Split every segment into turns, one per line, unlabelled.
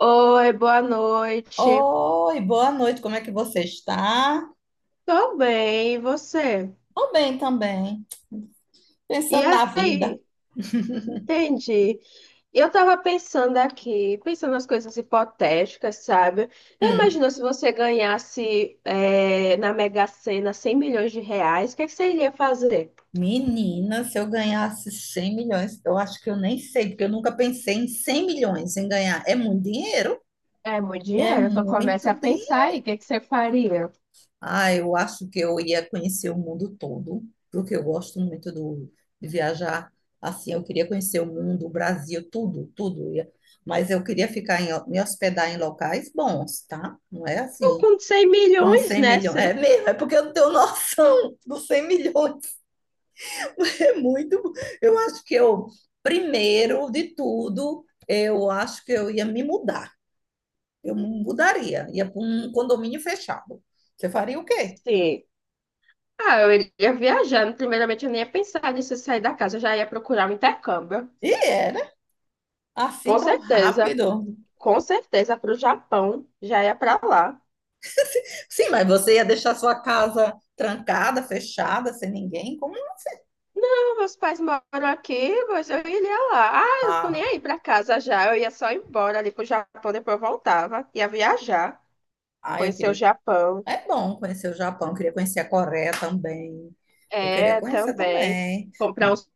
Oi, boa noite.
Oi, boa noite, como é que você está?
Tô bem, e você?
Tô bem também,
E
pensando na vida.
aí? Entendi. Eu tava pensando aqui, pensando nas coisas hipotéticas, sabe?
Hum,
Imagina se você ganhasse na Mega Sena 100 milhões de reais, o que é que você iria fazer?
Menina, se eu ganhasse 100 milhões, eu acho que eu nem sei, porque eu nunca pensei em 100 milhões em ganhar. É muito dinheiro?
É muito
É
dinheiro, então comece a
muito
pensar
dinheiro.
aí, o que que você faria?
Ah, eu acho que eu ia conhecer o mundo todo, porque eu gosto muito do, de viajar. Assim, eu queria conhecer o mundo, o Brasil, tudo, tudo. Mas eu queria ficar me hospedar em locais bons, tá? Não é
Eu
assim.
com cem
Com
milhões,
100
né?
milhões. É
Você...
mesmo, é porque eu não tenho noção dos 100 milhões. É muito. Eu acho que eu, primeiro de tudo, eu acho que eu ia me mudar. Eu mudaria, ia para um condomínio fechado. Você faria o quê?
Sim. Ah, eu iria viajar. Primeiramente, eu nem ia pensar nisso, sair da casa, eu já ia procurar um intercâmbio.
E é, né? Assim
Com
tão
certeza,
rápido.
com certeza, para o Japão, já ia para lá.
Sim, mas você ia deixar sua casa trancada, fechada, sem ninguém? Como?
Não, meus pais moram aqui, mas eu iria lá. Ah, eu tô nem
Ah,
aí para casa já, eu ia só embora ali pro Japão, depois eu voltava, ia viajar,
ah, eu
conhecer o
queria.
Japão.
É bom conhecer o Japão, eu queria conhecer a Coreia também. Eu queria
É,
conhecer
também,
também.
comprar uns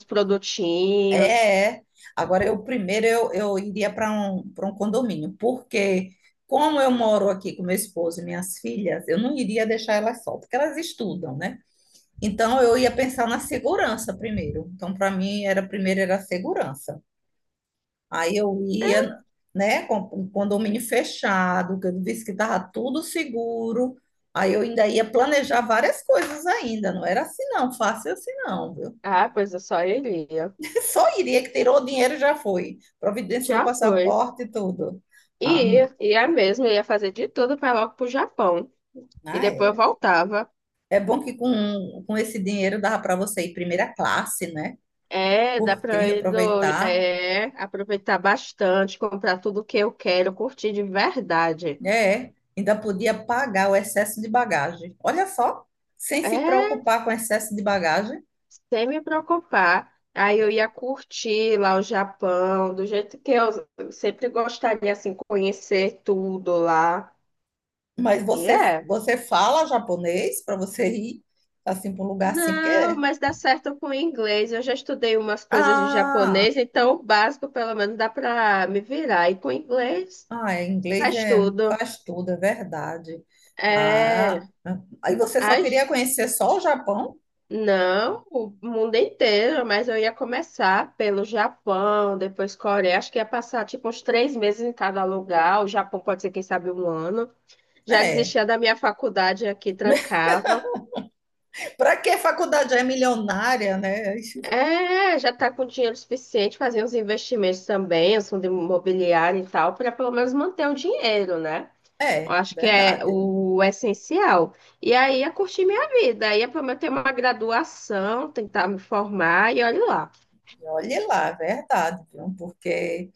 É,
produtinhos.
é. Agora, eu primeiro eu iria para um condomínio, porque como eu moro aqui com meu esposo e minhas filhas, eu não iria deixar elas só, porque elas estudam, né? Então, eu ia pensar na segurança primeiro. Então, para mim, era primeiro era a segurança. Aí eu ia, né, com um condomínio fechado, que eu disse que estava tudo seguro. Aí eu ainda ia planejar várias coisas ainda, não era assim não, fácil assim não, viu?
Ah, pois eu só iria.
E só iria que tirou o dinheiro já foi. Providenciou o
Já foi.
passaporte e tudo.
E
Ah, não.
ia mesmo, eu ia fazer de tudo para logo pro Japão. E
Ah,
depois eu
era.
voltava.
É bom que com esse dinheiro dava para você ir primeira classe, né?
É, dá para
Curtindo,
eu ir do,
aproveitar.
é, aproveitar bastante, comprar tudo que eu quero, curtir de verdade.
É, ainda podia pagar o excesso de bagagem. Olha só, sem se
É,
preocupar com excesso de bagagem,
sem me preocupar. Aí eu ia curtir lá o Japão, do jeito que eu sempre gostaria, assim, conhecer tudo lá.
mas
E
você,
é.
você fala japonês para você ir assim para um lugar assim,
Não,
porque.
mas dá certo com o inglês. Eu já estudei umas coisas de
Ah!
japonês, então o básico, pelo menos, dá para me virar. E com o inglês,
Ah, é, inglês
faz
é,
tudo.
faz tudo, é verdade. Ah,
É.
aí você só
Ai,
queria conhecer só o Japão?
não, o mundo inteiro, mas eu ia começar pelo Japão, depois Coreia. Acho que ia passar tipo uns 3 meses em cada lugar. O Japão pode ser, quem sabe, um ano. Já
É.
desistia da minha faculdade aqui, trancava.
Para que faculdade é milionária, né?
É, já tá com dinheiro suficiente, fazer uns investimentos também, os fundos imobiliários e tal, para pelo menos manter o dinheiro, né? Eu
É,
acho que é
verdade.
o essencial. E aí ia curtir minha vida, ia pelo menos ter uma graduação, tentar me formar e olha lá.
Olhe lá, é verdade, viu? Porque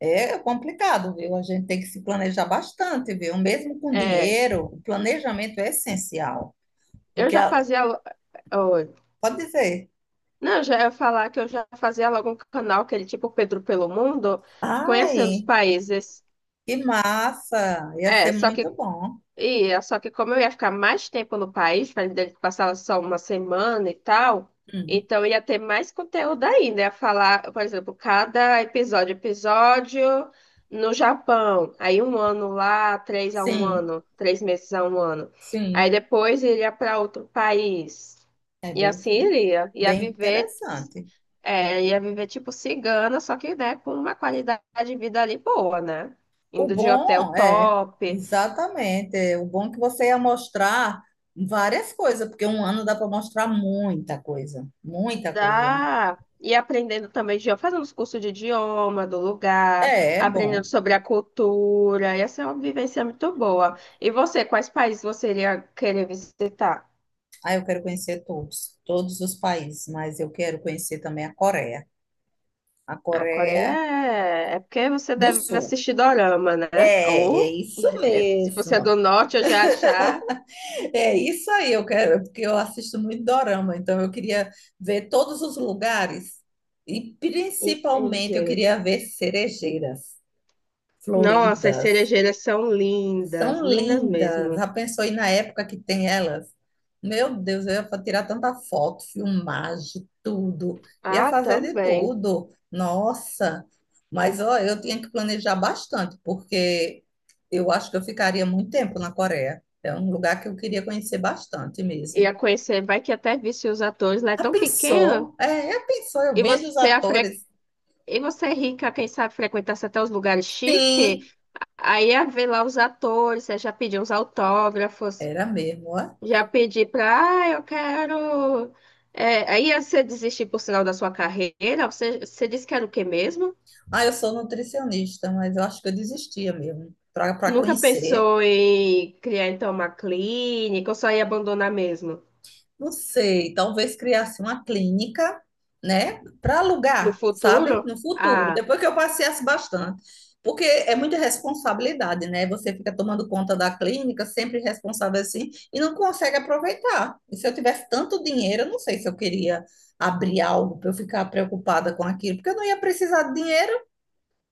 é complicado, viu? A gente tem que se planejar bastante, viu? Mesmo com
É,
dinheiro, o planejamento é essencial.
eu
Porque
já
a-
fazia. Lo- Oi.
Pode dizer,
Não, eu já ia falar que eu já fazia logo um canal, aquele tipo Pedro pelo Mundo, conhecendo os
ai,
países.
que massa, ia ser
É, só
muito
que
bom.
ia, só que como eu ia ficar mais tempo no país, para passar só uma semana e tal,
Hum,
então ia ter mais conteúdo ainda. Ia falar, por exemplo, cada episódio, no Japão, aí um ano lá, três a um
sim,
ano, 3 meses a um ano. Aí
sim.
depois iria para outro país.
É
E
bem,
assim iria. Ia
bem
viver,
interessante.
é, ia viver tipo cigana, só que né, com uma qualidade de vida ali boa, né?
O
Indo de hotel
bom é,
top.
exatamente, é, o bom é que você ia mostrar várias coisas, porque um ano dá para mostrar muita coisa, muita coisa. Né?
Dá. E aprendendo também, de- fazendo os cursos de idioma do lugar,
É, é
aprendendo
bom.
sobre a cultura. Essa é uma vivência muito boa. E você, quais países você iria querer visitar?
Ah, eu quero conhecer todos, todos os países, mas eu quero conhecer também a
A Coreia
Coreia
é porque você
do
deve
Sul.
assistir dorama, né?
É, é
Ou
isso
é, se você é
mesmo.
do norte, eu já achar.
É isso aí, eu quero, porque eu assisto muito dorama, então eu queria ver todos os lugares e principalmente eu
Entendi.
queria ver cerejeiras
Nossa, as
floridas.
cerejeiras são lindas,
São
lindas
lindas.
mesmo.
Já pensou aí na época que tem elas? Meu Deus, eu ia tirar tanta foto, filmagem, tudo. Ia
Ah,
fazer de
também.
tudo. Nossa, mas ó, eu tinha que planejar bastante, porque eu acho que eu ficaria muito tempo na Coreia. É um lugar que eu queria conhecer bastante mesmo.
Ia conhecer, vai que até visse os atores lá, é
Já
tão pequeno.
pensou? É, já pensou? Eu
E
vendo os
você ia fre-
atores?
E você é rica, quem sabe frequentasse até os lugares
Sim,
chiques, aí ia ver lá os atores, aí já pedir uns autógrafos,
era mesmo. Ó.
já pedir pra, ah, eu quero. É, aí você desistir por sinal da sua carreira, você disse que era o quê mesmo?
Ah, eu sou nutricionista, mas eu acho que eu desistia mesmo, para
Nunca
conhecer.
pensou em criar então uma clínica ou só ia abandonar mesmo?
Não sei, talvez criasse uma clínica, né, para
No
alugar, sabe,
futuro?
no futuro,
Ah,
depois que eu passeasse bastante. Porque é muita responsabilidade, né? Você fica tomando conta da clínica, sempre responsável assim, e não consegue aproveitar. E se eu tivesse tanto dinheiro, eu não sei se eu queria abrir algo para eu ficar preocupada com aquilo, porque eu não ia precisar de dinheiro,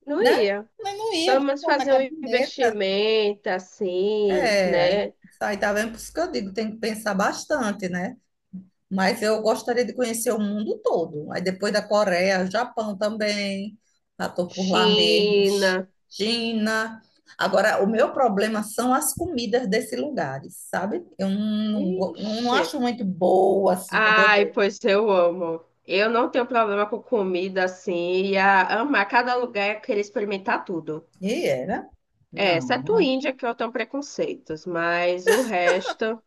não
né?
ia.
Mas não ia,
Pelo
vou
menos
pôr na
fazer um
caderneta.
investimento assim,
É, aí,
né?
aí tá vendo? Por isso que eu digo, tem que pensar bastante, né? Mas eu gostaria de conhecer o mundo todo. Aí depois da Coreia, Japão também. Já estou por lá mesmo.
China.
China. Agora, o meu problema são as comidas desses lugares, sabe? Eu não, go- Não, não
Ixi.
acho muito boa assim quando eu
Ai,
vejo.
pois eu amo. Eu não tenho problema com comida assim, ia amar cada lugar e querer experimentar tudo.
E era?
É, exceto
Não.
Índia, que eu tenho preconceitos, mas o resto.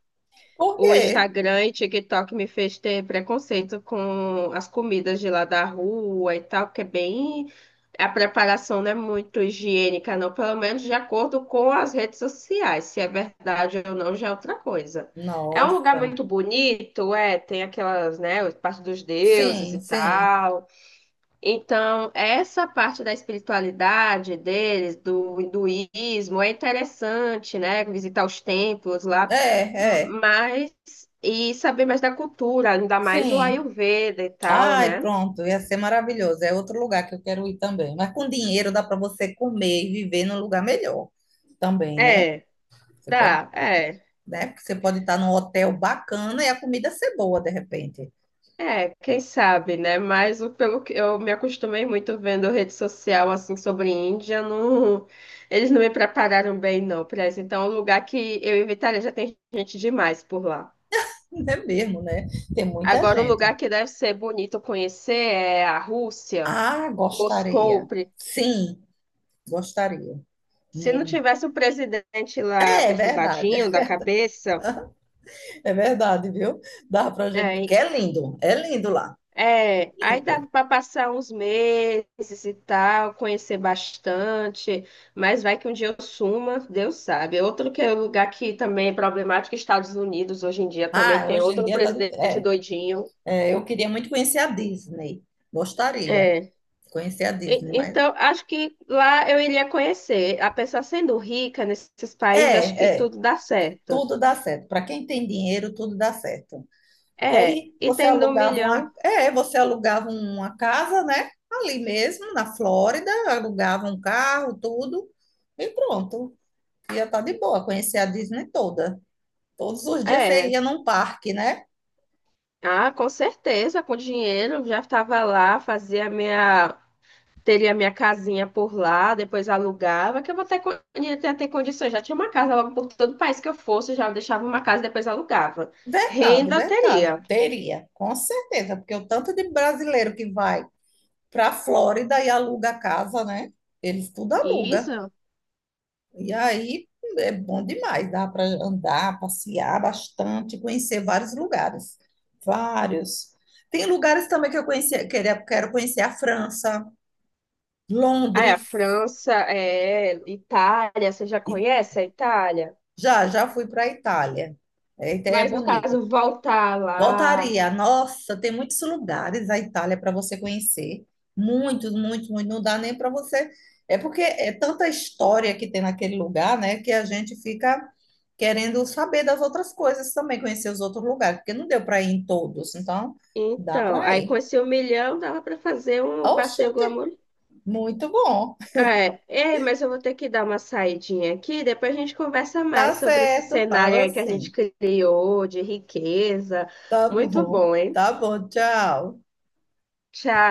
Por
O
quê?
Instagram e TikTok me fez ter preconceito com as comidas de lá da rua e tal, que é bem. A preparação não é muito higiênica, não, pelo menos de acordo com as redes sociais. Se é verdade ou não, já é outra coisa. É um lugar
Nossa.
muito bonito, é, tem aquelas, né, parte dos deuses
Sim,
e
sim.
tal. Então, essa parte da espiritualidade deles, do hinduísmo, é interessante, né? Visitar os templos lá,
É, é.
mas e saber mais da cultura, ainda mais o
Sim.
Ayurveda e tal,
Ai,
né?
pronto, ia ser maravilhoso. É outro lugar que eu quero ir também. Mas com dinheiro dá para você comer e viver num lugar melhor também, né?
É,
Você pode,
dá, é.
né? Porque você pode estar num hotel bacana e a comida ser boa de repente.
É, quem sabe, né? Mas o- pelo que eu me acostumei muito vendo rede social assim sobre Índia, não, eles não me prepararam bem não para isso. Então, é um lugar que eu evitaria, já tem gente demais por lá.
É mesmo, né? Tem muita
Agora, um
gente.
lugar que deve ser bonito conhecer é a Rússia,
Ah,
Moscou.
gostaria.
Pre-
Sim, gostaria.
Se não
Hum.
tivesse o presidente lá
É
perturbadinho
verdade.
da cabeça,
É verdade, viu? Dá pra gente, porque
é,
é lindo lá,
aí
lindo.
dava para passar uns meses e tal, conhecer bastante, mas vai que um dia eu suma, Deus sabe. Outro que é um lugar que também é problemático, Estados Unidos, hoje em dia também
Ah,
tem
hoje em
outro
dia tá. de-
presidente
É,
doidinho.
é, eu queria muito conhecer a Disney, gostaria
É.
de conhecer a
E-
Disney, mas.
Então, acho que lá eu iria conhecer. A pessoa sendo rica nesses países, acho que
É, é,
tudo dá certo.
tudo dá certo. Para quem tem dinheiro, tudo dá certo. Que
É,
aí
e
você
tendo um
alugava uma.
milhão,
É, você alugava uma casa, né? Ali mesmo, na Flórida, alugava um carro, tudo, e pronto. Ia estar de boa, conhecer a Disney toda. Todos os dias você
é.
ia num parque, né?
Ah, com certeza, com dinheiro, já estava lá, fazia minha, teria minha casinha por lá, depois alugava, que eu vou ter, con- ia ter, ter condições. Já tinha uma casa logo por todo o país que eu fosse, já deixava uma casa e depois alugava.
Verdade,
Renda
verdade.
teria.
Teria, com certeza, porque o tanto de brasileiro que vai para a Flórida e aluga a casa, né? Eles tudo aluga.
Isso.
E aí é bom demais, dá para andar, passear bastante, conhecer vários lugares. Vários. Tem lugares também que eu conheci, queria, quero conhecer a França,
Ah, é, a
Londres,
França, é, Itália, você já
e
conhece a Itália?
já fui para a Itália. É, Itália é
Mas no
bonito.
caso, voltar lá.
Voltaria. Nossa, tem muitos lugares a Itália para você conhecer. Muitos, muitos, muitos. Não dá nem para você. É porque é tanta história que tem naquele lugar, né? Que a gente fica querendo saber das outras coisas também, conhecer os outros lugares, porque não deu para ir em todos. Então, dá
Então,
para
aí com
ir.
esse 1 milhão dava para fazer um passeio
Oxente,
glamour.
muito bom.
É, é, mas eu vou ter que dar uma saidinha aqui, depois a gente conversa
Tá
mais sobre esse
certo,
cenário
fala
aí que a gente
assim.
criou de riqueza. Muito bom, hein?
Tá bom, tchau.
Tchau.